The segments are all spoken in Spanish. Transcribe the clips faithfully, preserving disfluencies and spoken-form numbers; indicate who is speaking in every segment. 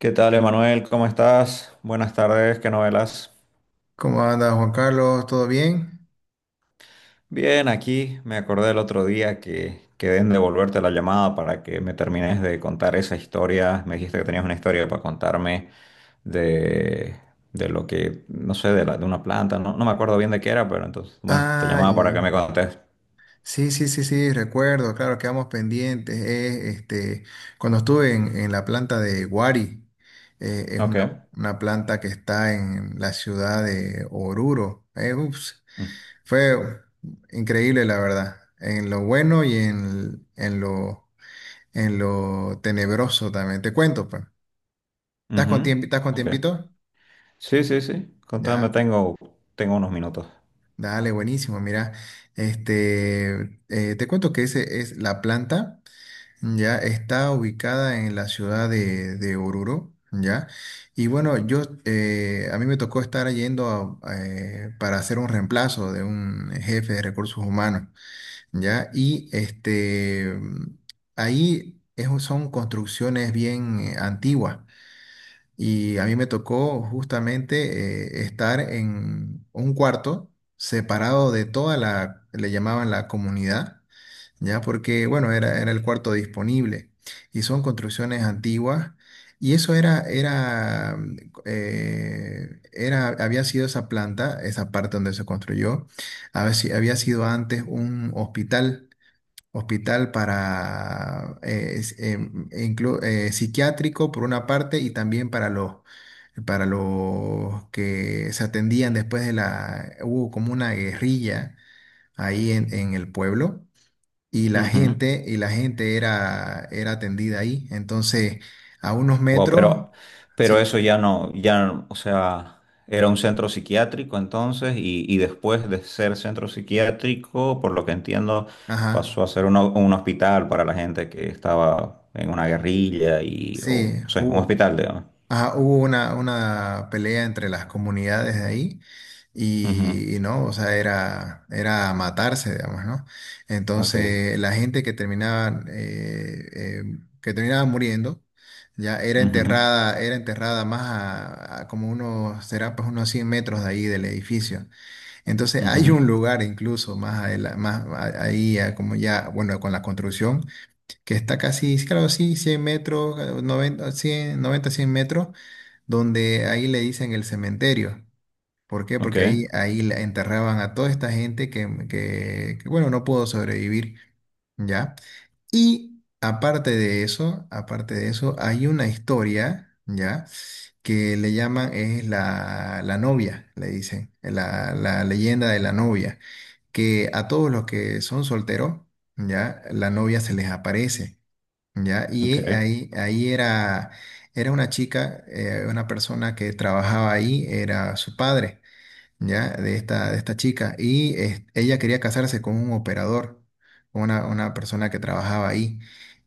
Speaker 1: ¿Qué tal, Emanuel? ¿Cómo estás? Buenas tardes, ¿qué novelas?
Speaker 2: ¿Cómo anda Juan Carlos? ¿Todo bien?
Speaker 1: Bien, aquí me acordé el otro día que quedé en devolverte la llamada para que me termines de contar esa historia. Me dijiste que tenías una historia para contarme de, de lo que, no sé, de, la- de una planta, no, no me acuerdo bien de qué era, pero entonces, bueno, te
Speaker 2: Ah, ya,
Speaker 1: llamaba para que me
Speaker 2: ya.
Speaker 1: contes.
Speaker 2: Sí, sí, sí, sí, recuerdo, claro, quedamos pendientes. Eh, este, cuando estuve en, en, la planta de Guari, eh, es
Speaker 1: Ok.
Speaker 2: una, una planta que está en la ciudad de Oruro. Eh, ups,
Speaker 1: Mm,
Speaker 2: fue increíble, la verdad, en lo bueno y en, en lo, en lo tenebroso también. Te cuento, pues. ¿Estás con
Speaker 1: ujú,
Speaker 2: tiempo, estás con
Speaker 1: ok.
Speaker 2: tiempito?
Speaker 1: Sí, sí, sí. Contame,
Speaker 2: Ya.
Speaker 1: tengo, tengo unos minutos.
Speaker 2: Dale, buenísimo. Mira, este, eh, te cuento que ese es la planta, ya está ubicada en la ciudad de, de Oruro, ya. Y bueno, yo, eh, a mí me tocó estar yendo a- eh, para hacer un reemplazo de un jefe de recursos humanos, ya. Y este, ahí es un- son construcciones bien eh, antiguas. Y a mí me tocó justamente eh, estar en un cuarto separado de toda la, le llamaban la comunidad, ya porque, bueno, era, era el cuarto disponible. Y son construcciones antiguas. Y eso era, era, mm, eh, era, había sido esa planta, esa parte donde se construyó, había, si- había sido antes un hospital. Hospital para eh, es- em, inclu- eh, psiquiátrico por una parte y también para los para los que se atendían después de la, hubo como una guerrilla ahí en, en el pueblo y la gente, y la gente era, era atendida ahí. Entonces, a unos
Speaker 1: Wow,
Speaker 2: metros,
Speaker 1: pero, pero
Speaker 2: sí,
Speaker 1: eso ya no, ya, no- o sea, era un centro psiquiátrico entonces y, y después de ser centro psiquiátrico, por lo que entiendo,
Speaker 2: ajá,
Speaker 1: pasó a ser una- un hospital para la gente que estaba en una guerrilla y, o,
Speaker 2: sí,
Speaker 1: no sé, un
Speaker 2: hubo.
Speaker 1: hospital, digamos.
Speaker 2: Ajá, hubo una, una pelea entre las comunidades de ahí
Speaker 1: Ujú,
Speaker 2: y, y no, o sea, era, era matarse, digamos, ¿no?
Speaker 1: ok,
Speaker 2: Entonces, la gente que terminaba, eh, eh, que terminaba muriendo, ya era
Speaker 1: ujú,
Speaker 2: enterrada, era enterrada más a, a como unos, será pues unos cien metros de ahí del edificio. Entonces,
Speaker 1: ujú,
Speaker 2: hay un lugar incluso más, adela- más a- ahí, a como ya, bueno, con la construcción, que está casi, claro, sí, cien metros, noventa cien noventa cien metros donde ahí le dicen el cementerio. ¿Por qué?
Speaker 1: ok,
Speaker 2: Porque ahí, ahí la enterraban a toda esta gente que, que, que, bueno, no pudo sobrevivir, ¿ya? Y aparte de eso, aparte de eso, hay una historia, ¿ya? Que le llaman, es la, la novia, le dicen, la, la leyenda de la novia, que a todos los que son solteros, ¿ya? La novia se les aparece. Ya, y
Speaker 1: ok.
Speaker 2: ahí, ahí era, era una chica, eh, una persona que trabajaba ahí, era su padre, ya, de esta, de esta chica, y eh, ella quería casarse con un operador, una, una persona que trabajaba ahí,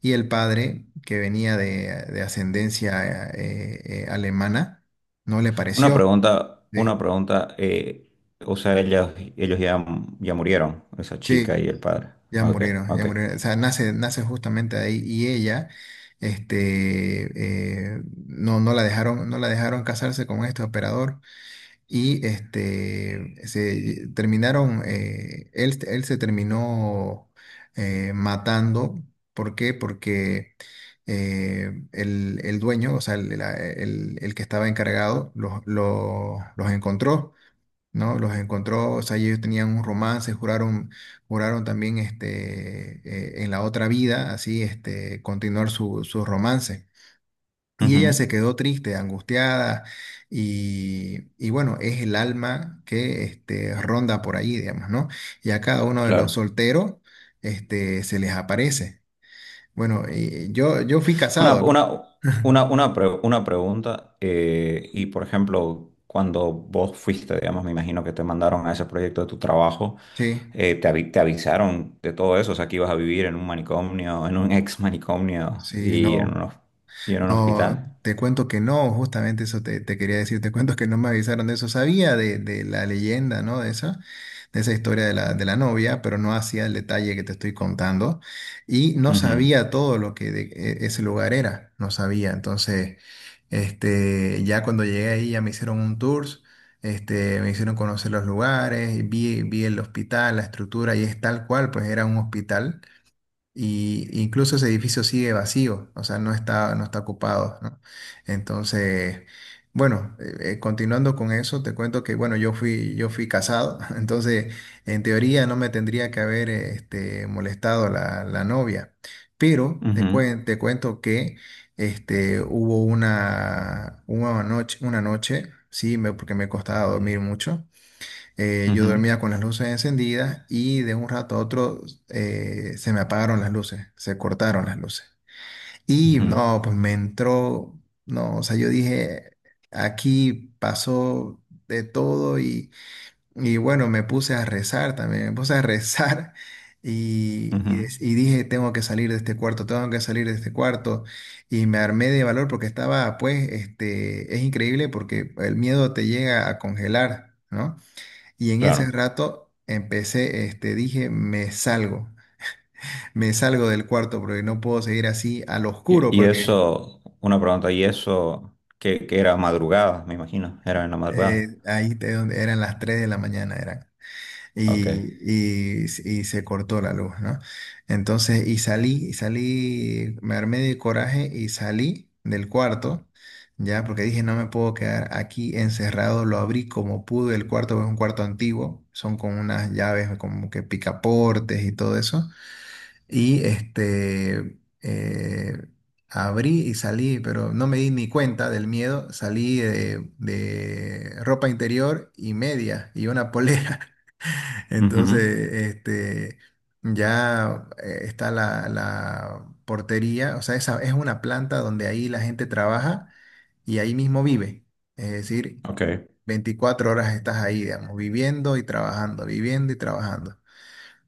Speaker 2: y el padre, que venía de, de ascendencia eh, eh, alemana, no le
Speaker 1: Una
Speaker 2: pareció,
Speaker 1: pregunta,
Speaker 2: ¿sí?
Speaker 1: una pregunta, eh, o sea, ellos, ellos ya, ya murieron, esa chica
Speaker 2: Sí,
Speaker 1: y el padre.
Speaker 2: ya
Speaker 1: Ok,
Speaker 2: murieron, ya
Speaker 1: ok.
Speaker 2: murieron. O sea, nace, nace justamente ahí y ella, este, eh, no, no la dejaron, no la dejaron casarse con este operador y este, se terminaron, eh, él, él se terminó eh, matando. ¿Por qué? Porque eh, el, el dueño, o sea, el, la- el- el que estaba encargado, los, los, los encontró, ¿no? Los encontró, o sea, ellos tenían un romance, juraron, juraron también este, eh, en la otra vida, así, este, continuar su, su romance. Y ella se
Speaker 1: Ujú,
Speaker 2: quedó triste, angustiada, y, y bueno, es el alma que este, ronda por ahí, digamos, ¿no? Y a cada uno de los
Speaker 1: claro.
Speaker 2: solteros este, se les aparece. Bueno, y yo, yo fui
Speaker 1: Una,
Speaker 2: casado, ¿no?
Speaker 1: una, una, una, pre- una pregunta, eh, y por ejemplo, cuando vos fuiste, digamos, me imagino que te mandaron a ese proyecto de tu trabajo,
Speaker 2: Sí,
Speaker 1: eh, te, avi- te avisaron de todo eso, o sea, que ibas a vivir en un manicomio, en un ex manicomio
Speaker 2: sí,
Speaker 1: y en
Speaker 2: no.
Speaker 1: un, hos- y en un
Speaker 2: No,
Speaker 1: hospital.
Speaker 2: te cuento que no, justamente eso te, te quería decir, te cuento que no me avisaron de eso, sabía de, de la leyenda, ¿no? De esa, de esa historia de la, de la novia, pero no hacía el detalle que te estoy contando y no
Speaker 1: Ujú,
Speaker 2: sabía todo lo que de- e- ese lugar era, no sabía, entonces, este, ya cuando llegué ahí ya me hicieron un tour, este, me hicieron conocer los lugares, y vi, vi el hospital, la estructura y es tal cual, pues era un hospital y incluso ese edificio sigue vacío, o sea, no está, no está ocupado, ¿no? Entonces, bueno, eh, eh, continuando con eso, te cuento que, bueno, yo fui, yo fui casado, entonces, en teoría no me tendría que haber, eh, este, molestado la, la novia, pero te
Speaker 1: ujú,
Speaker 2: cuen- te cuento que, este, hubo una, una noche, una noche, sí, me- porque me costaba dormir mucho eh, yo
Speaker 1: ujú,
Speaker 2: dormía con las luces encendidas y de un rato a otro eh, se me apagaron las luces, se cortaron las luces. Y
Speaker 1: ujú,
Speaker 2: no, pues me entró, no, o sea, yo dije, aquí pasó de todo y, y bueno, me puse a rezar también, me puse a rezar y,
Speaker 1: ujú.
Speaker 2: y dec- y dije, tengo que salir de este cuarto, tengo que salir de este cuarto. Y me armé de valor porque estaba, pues, este, es increíble porque el miedo te llega a congelar, ¿no? Y en ese
Speaker 1: Claro.
Speaker 2: rato empecé, este, dije, me salgo, me salgo del cuarto porque no puedo seguir así al oscuro
Speaker 1: Y, y
Speaker 2: porque
Speaker 1: eso, una pregunta, y eso, que, que era madrugada, me imagino, era en la
Speaker 2: eh,
Speaker 1: madrugada.
Speaker 2: ahí te- donde eran las tres de la mañana eran.
Speaker 1: Ok.
Speaker 2: Y, y, y se cortó la luz, ¿no? Entonces, y salí, y salí, me armé de coraje y salí del cuarto, ya, porque dije, no me puedo quedar aquí encerrado, lo abrí como pude, el cuarto es un cuarto antiguo, son con unas llaves como que picaportes y todo eso. Y este, eh, abrí y salí, pero no me di ni cuenta del miedo. Salí de, de ropa interior y media y una polera.
Speaker 1: Ujú,
Speaker 2: Entonces, este, ya eh, está la, la portería. O sea, esa es una planta donde ahí la gente trabaja y ahí mismo vive. Es decir,
Speaker 1: ok.
Speaker 2: veinticuatro horas estás ahí, digamos, viviendo y trabajando, viviendo y trabajando.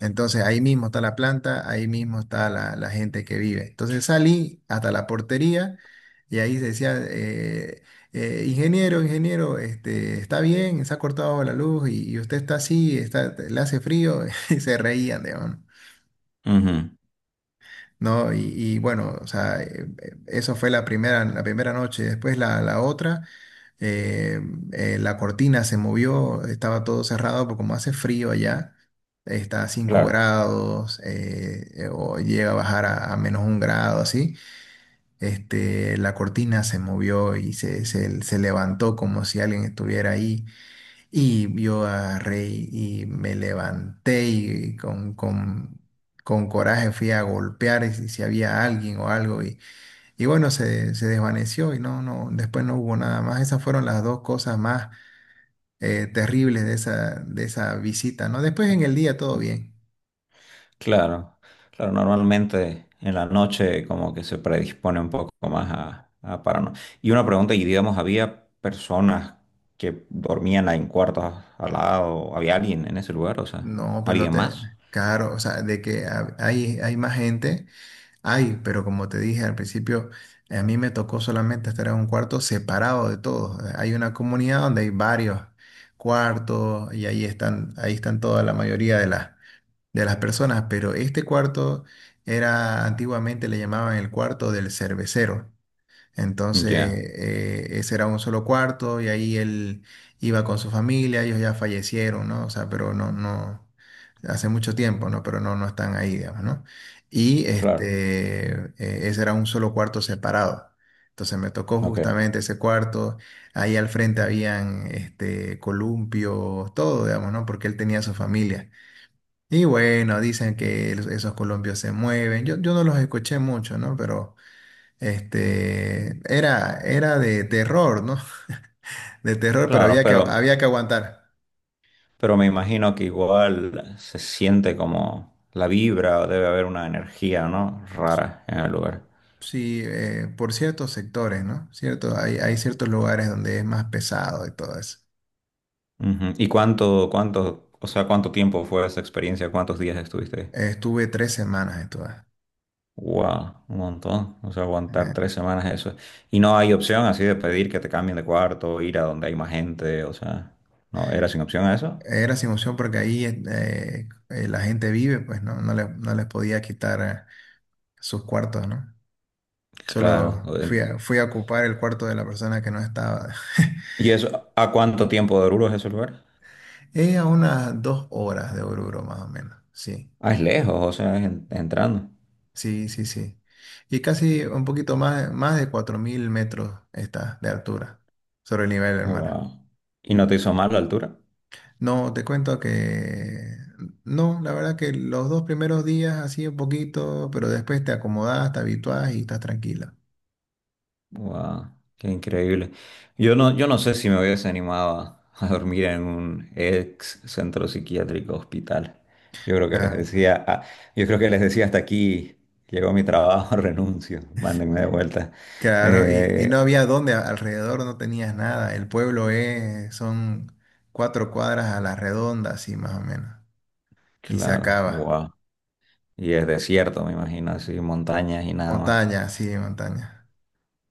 Speaker 2: Entonces ahí mismo está la planta, ahí mismo está la, la gente que vive. Entonces salí hasta la portería y ahí decía, eh, eh, ingeniero, ingeniero, este, está bien, se ha cortado la luz y, y usted está así, está, le hace frío y se reían, digamos,
Speaker 1: Ujú,
Speaker 2: ¿no? Y, y bueno, o sea, eh, eh, eso fue la primera, la primera noche. Después la, la otra, eh, eh, la cortina se movió, estaba todo cerrado, porque como hace frío allá, está a cinco
Speaker 1: claro,
Speaker 2: grados, eh, eh, o llega a bajar a, a menos un grado, así. Este, la cortina se movió y se, se, se levantó como si alguien estuviera ahí. Y yo agarré y me levanté y con, con, con coraje fui a golpear y si, si había alguien o algo. Y, y bueno, se, se desvaneció y no, no, después no hubo nada más. Esas fueron las dos cosas más eh, terribles de esa, de esa visita, ¿no? Después en el día todo bien.
Speaker 1: claro, claro. Normalmente en la noche como que se predispone un poco más a, a paranoia. Y una pregunta, y digamos, ¿había personas que dormían en cuartos al lado? ¿Había alguien en ese lugar? O sea,
Speaker 2: No, pero
Speaker 1: ¿alguien
Speaker 2: te,
Speaker 1: más?
Speaker 2: claro, o sea, de que ha- hay, hay más gente. Ay, pero como te dije al principio, a mí me tocó solamente estar en un cuarto separado de todos. Eh, Hay una comunidad donde hay varios cuartos y ahí están, ahí están toda la mayoría de las, de las personas, pero este cuarto era antiguamente le llamaban el cuarto del cervecero. Entonces,
Speaker 1: Ya,
Speaker 2: eh, ese era un solo cuarto y ahí él iba con su familia, ellos ya fallecieron, ¿no? O sea, pero no, no, hace mucho tiempo, ¿no? Pero no, no están ahí, digamos, ¿no? Y
Speaker 1: claro,
Speaker 2: este, eh, ese era un solo cuarto separado. Entonces me tocó
Speaker 1: ok.
Speaker 2: justamente ese cuarto. Ahí al frente habían este, columpios, todo, digamos, ¿no? Porque él tenía su familia. Y bueno, dicen que el- esos columpios se mueven. Yo, yo no los escuché mucho, ¿no? Pero. Este, era, era de terror, ¿no? De terror, pero
Speaker 1: Claro,
Speaker 2: había que,
Speaker 1: pero,
Speaker 2: había que aguantar.
Speaker 1: pero me imagino que igual se siente como la vibra, o debe haber una energía, ¿no? Rara en el lugar.
Speaker 2: Sí, eh, por ciertos sectores, ¿no? Cierto, hay, hay ciertos lugares donde es más pesado y todo eso.
Speaker 1: Ujú. ¿Y cuánto, cuánto, o sea, ¿cuánto tiempo fue esa experiencia? ¿Cuántos días estuviste ahí?
Speaker 2: Eh, estuve tres semanas en todas.
Speaker 1: Wow, un montón. O sea, aguantar
Speaker 2: Eh,
Speaker 1: tres semanas eso. Y no hay opción así de pedir que te cambien de cuarto, ir a donde hay más gente, o sea, ¿no? ¿Era sin opción a eso?
Speaker 2: Era sin opción porque ahí eh, eh, la gente vive, pues no, no, le- no les podía quitar eh, sus cuartos, ¿no?
Speaker 1: Claro.
Speaker 2: Solo fui a, fui a ocupar el cuarto de la persona que no estaba.
Speaker 1: ¿Y eso, a cuánto tiempo de Oruro es ese lugar?
Speaker 2: Es a unas dos horas de Oruro, más o menos, sí.
Speaker 1: Ah, es lejos, o sea, es en- entrando.
Speaker 2: Sí, sí, sí. Y casi un poquito más, más de cuatro mil metros está de altura sobre el nivel del mar.
Speaker 1: Wow. ¿Y no te hizo mal la altura?
Speaker 2: No, te cuento que no, la verdad que los dos primeros días así un poquito, pero después te acomodás, te habituás y estás tranquila.
Speaker 1: Wow, qué increíble. Yo no, yo no sé si me hubiese animado a, a dormir en un ex centro psiquiátrico hospital. Yo creo que les
Speaker 2: Ah,
Speaker 1: decía, ah, yo creo que les decía hasta aquí llegó mi trabajo, renuncio, mándenme de vuelta.
Speaker 2: claro, y, y no
Speaker 1: Eh,
Speaker 2: había dónde, a- alrededor no tenías nada. El pueblo es, son cuatro cuadras a la redonda, así más o menos. Y se
Speaker 1: claro,
Speaker 2: acaba.
Speaker 1: wow. Y es desierto, me imagino, así, montañas y nada más.
Speaker 2: Montaña, sí, montaña.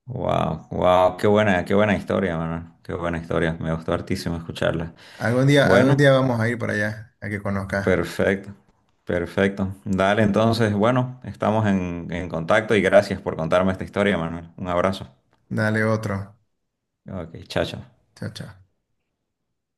Speaker 1: Wow, wow, qué buena, qué buena historia, Manuel. Qué buena historia. Me gustó hartísimo escucharla.
Speaker 2: Algún día, algún
Speaker 1: Bueno.
Speaker 2: día vamos a ir para allá, a que conozcas.
Speaker 1: Perfecto, perfecto. Dale, entonces, bueno, estamos en, en contacto y gracias por contarme esta historia, Manuel. Un abrazo.
Speaker 2: Dale otro.
Speaker 1: Ok, chao, chao.
Speaker 2: Chao, chao.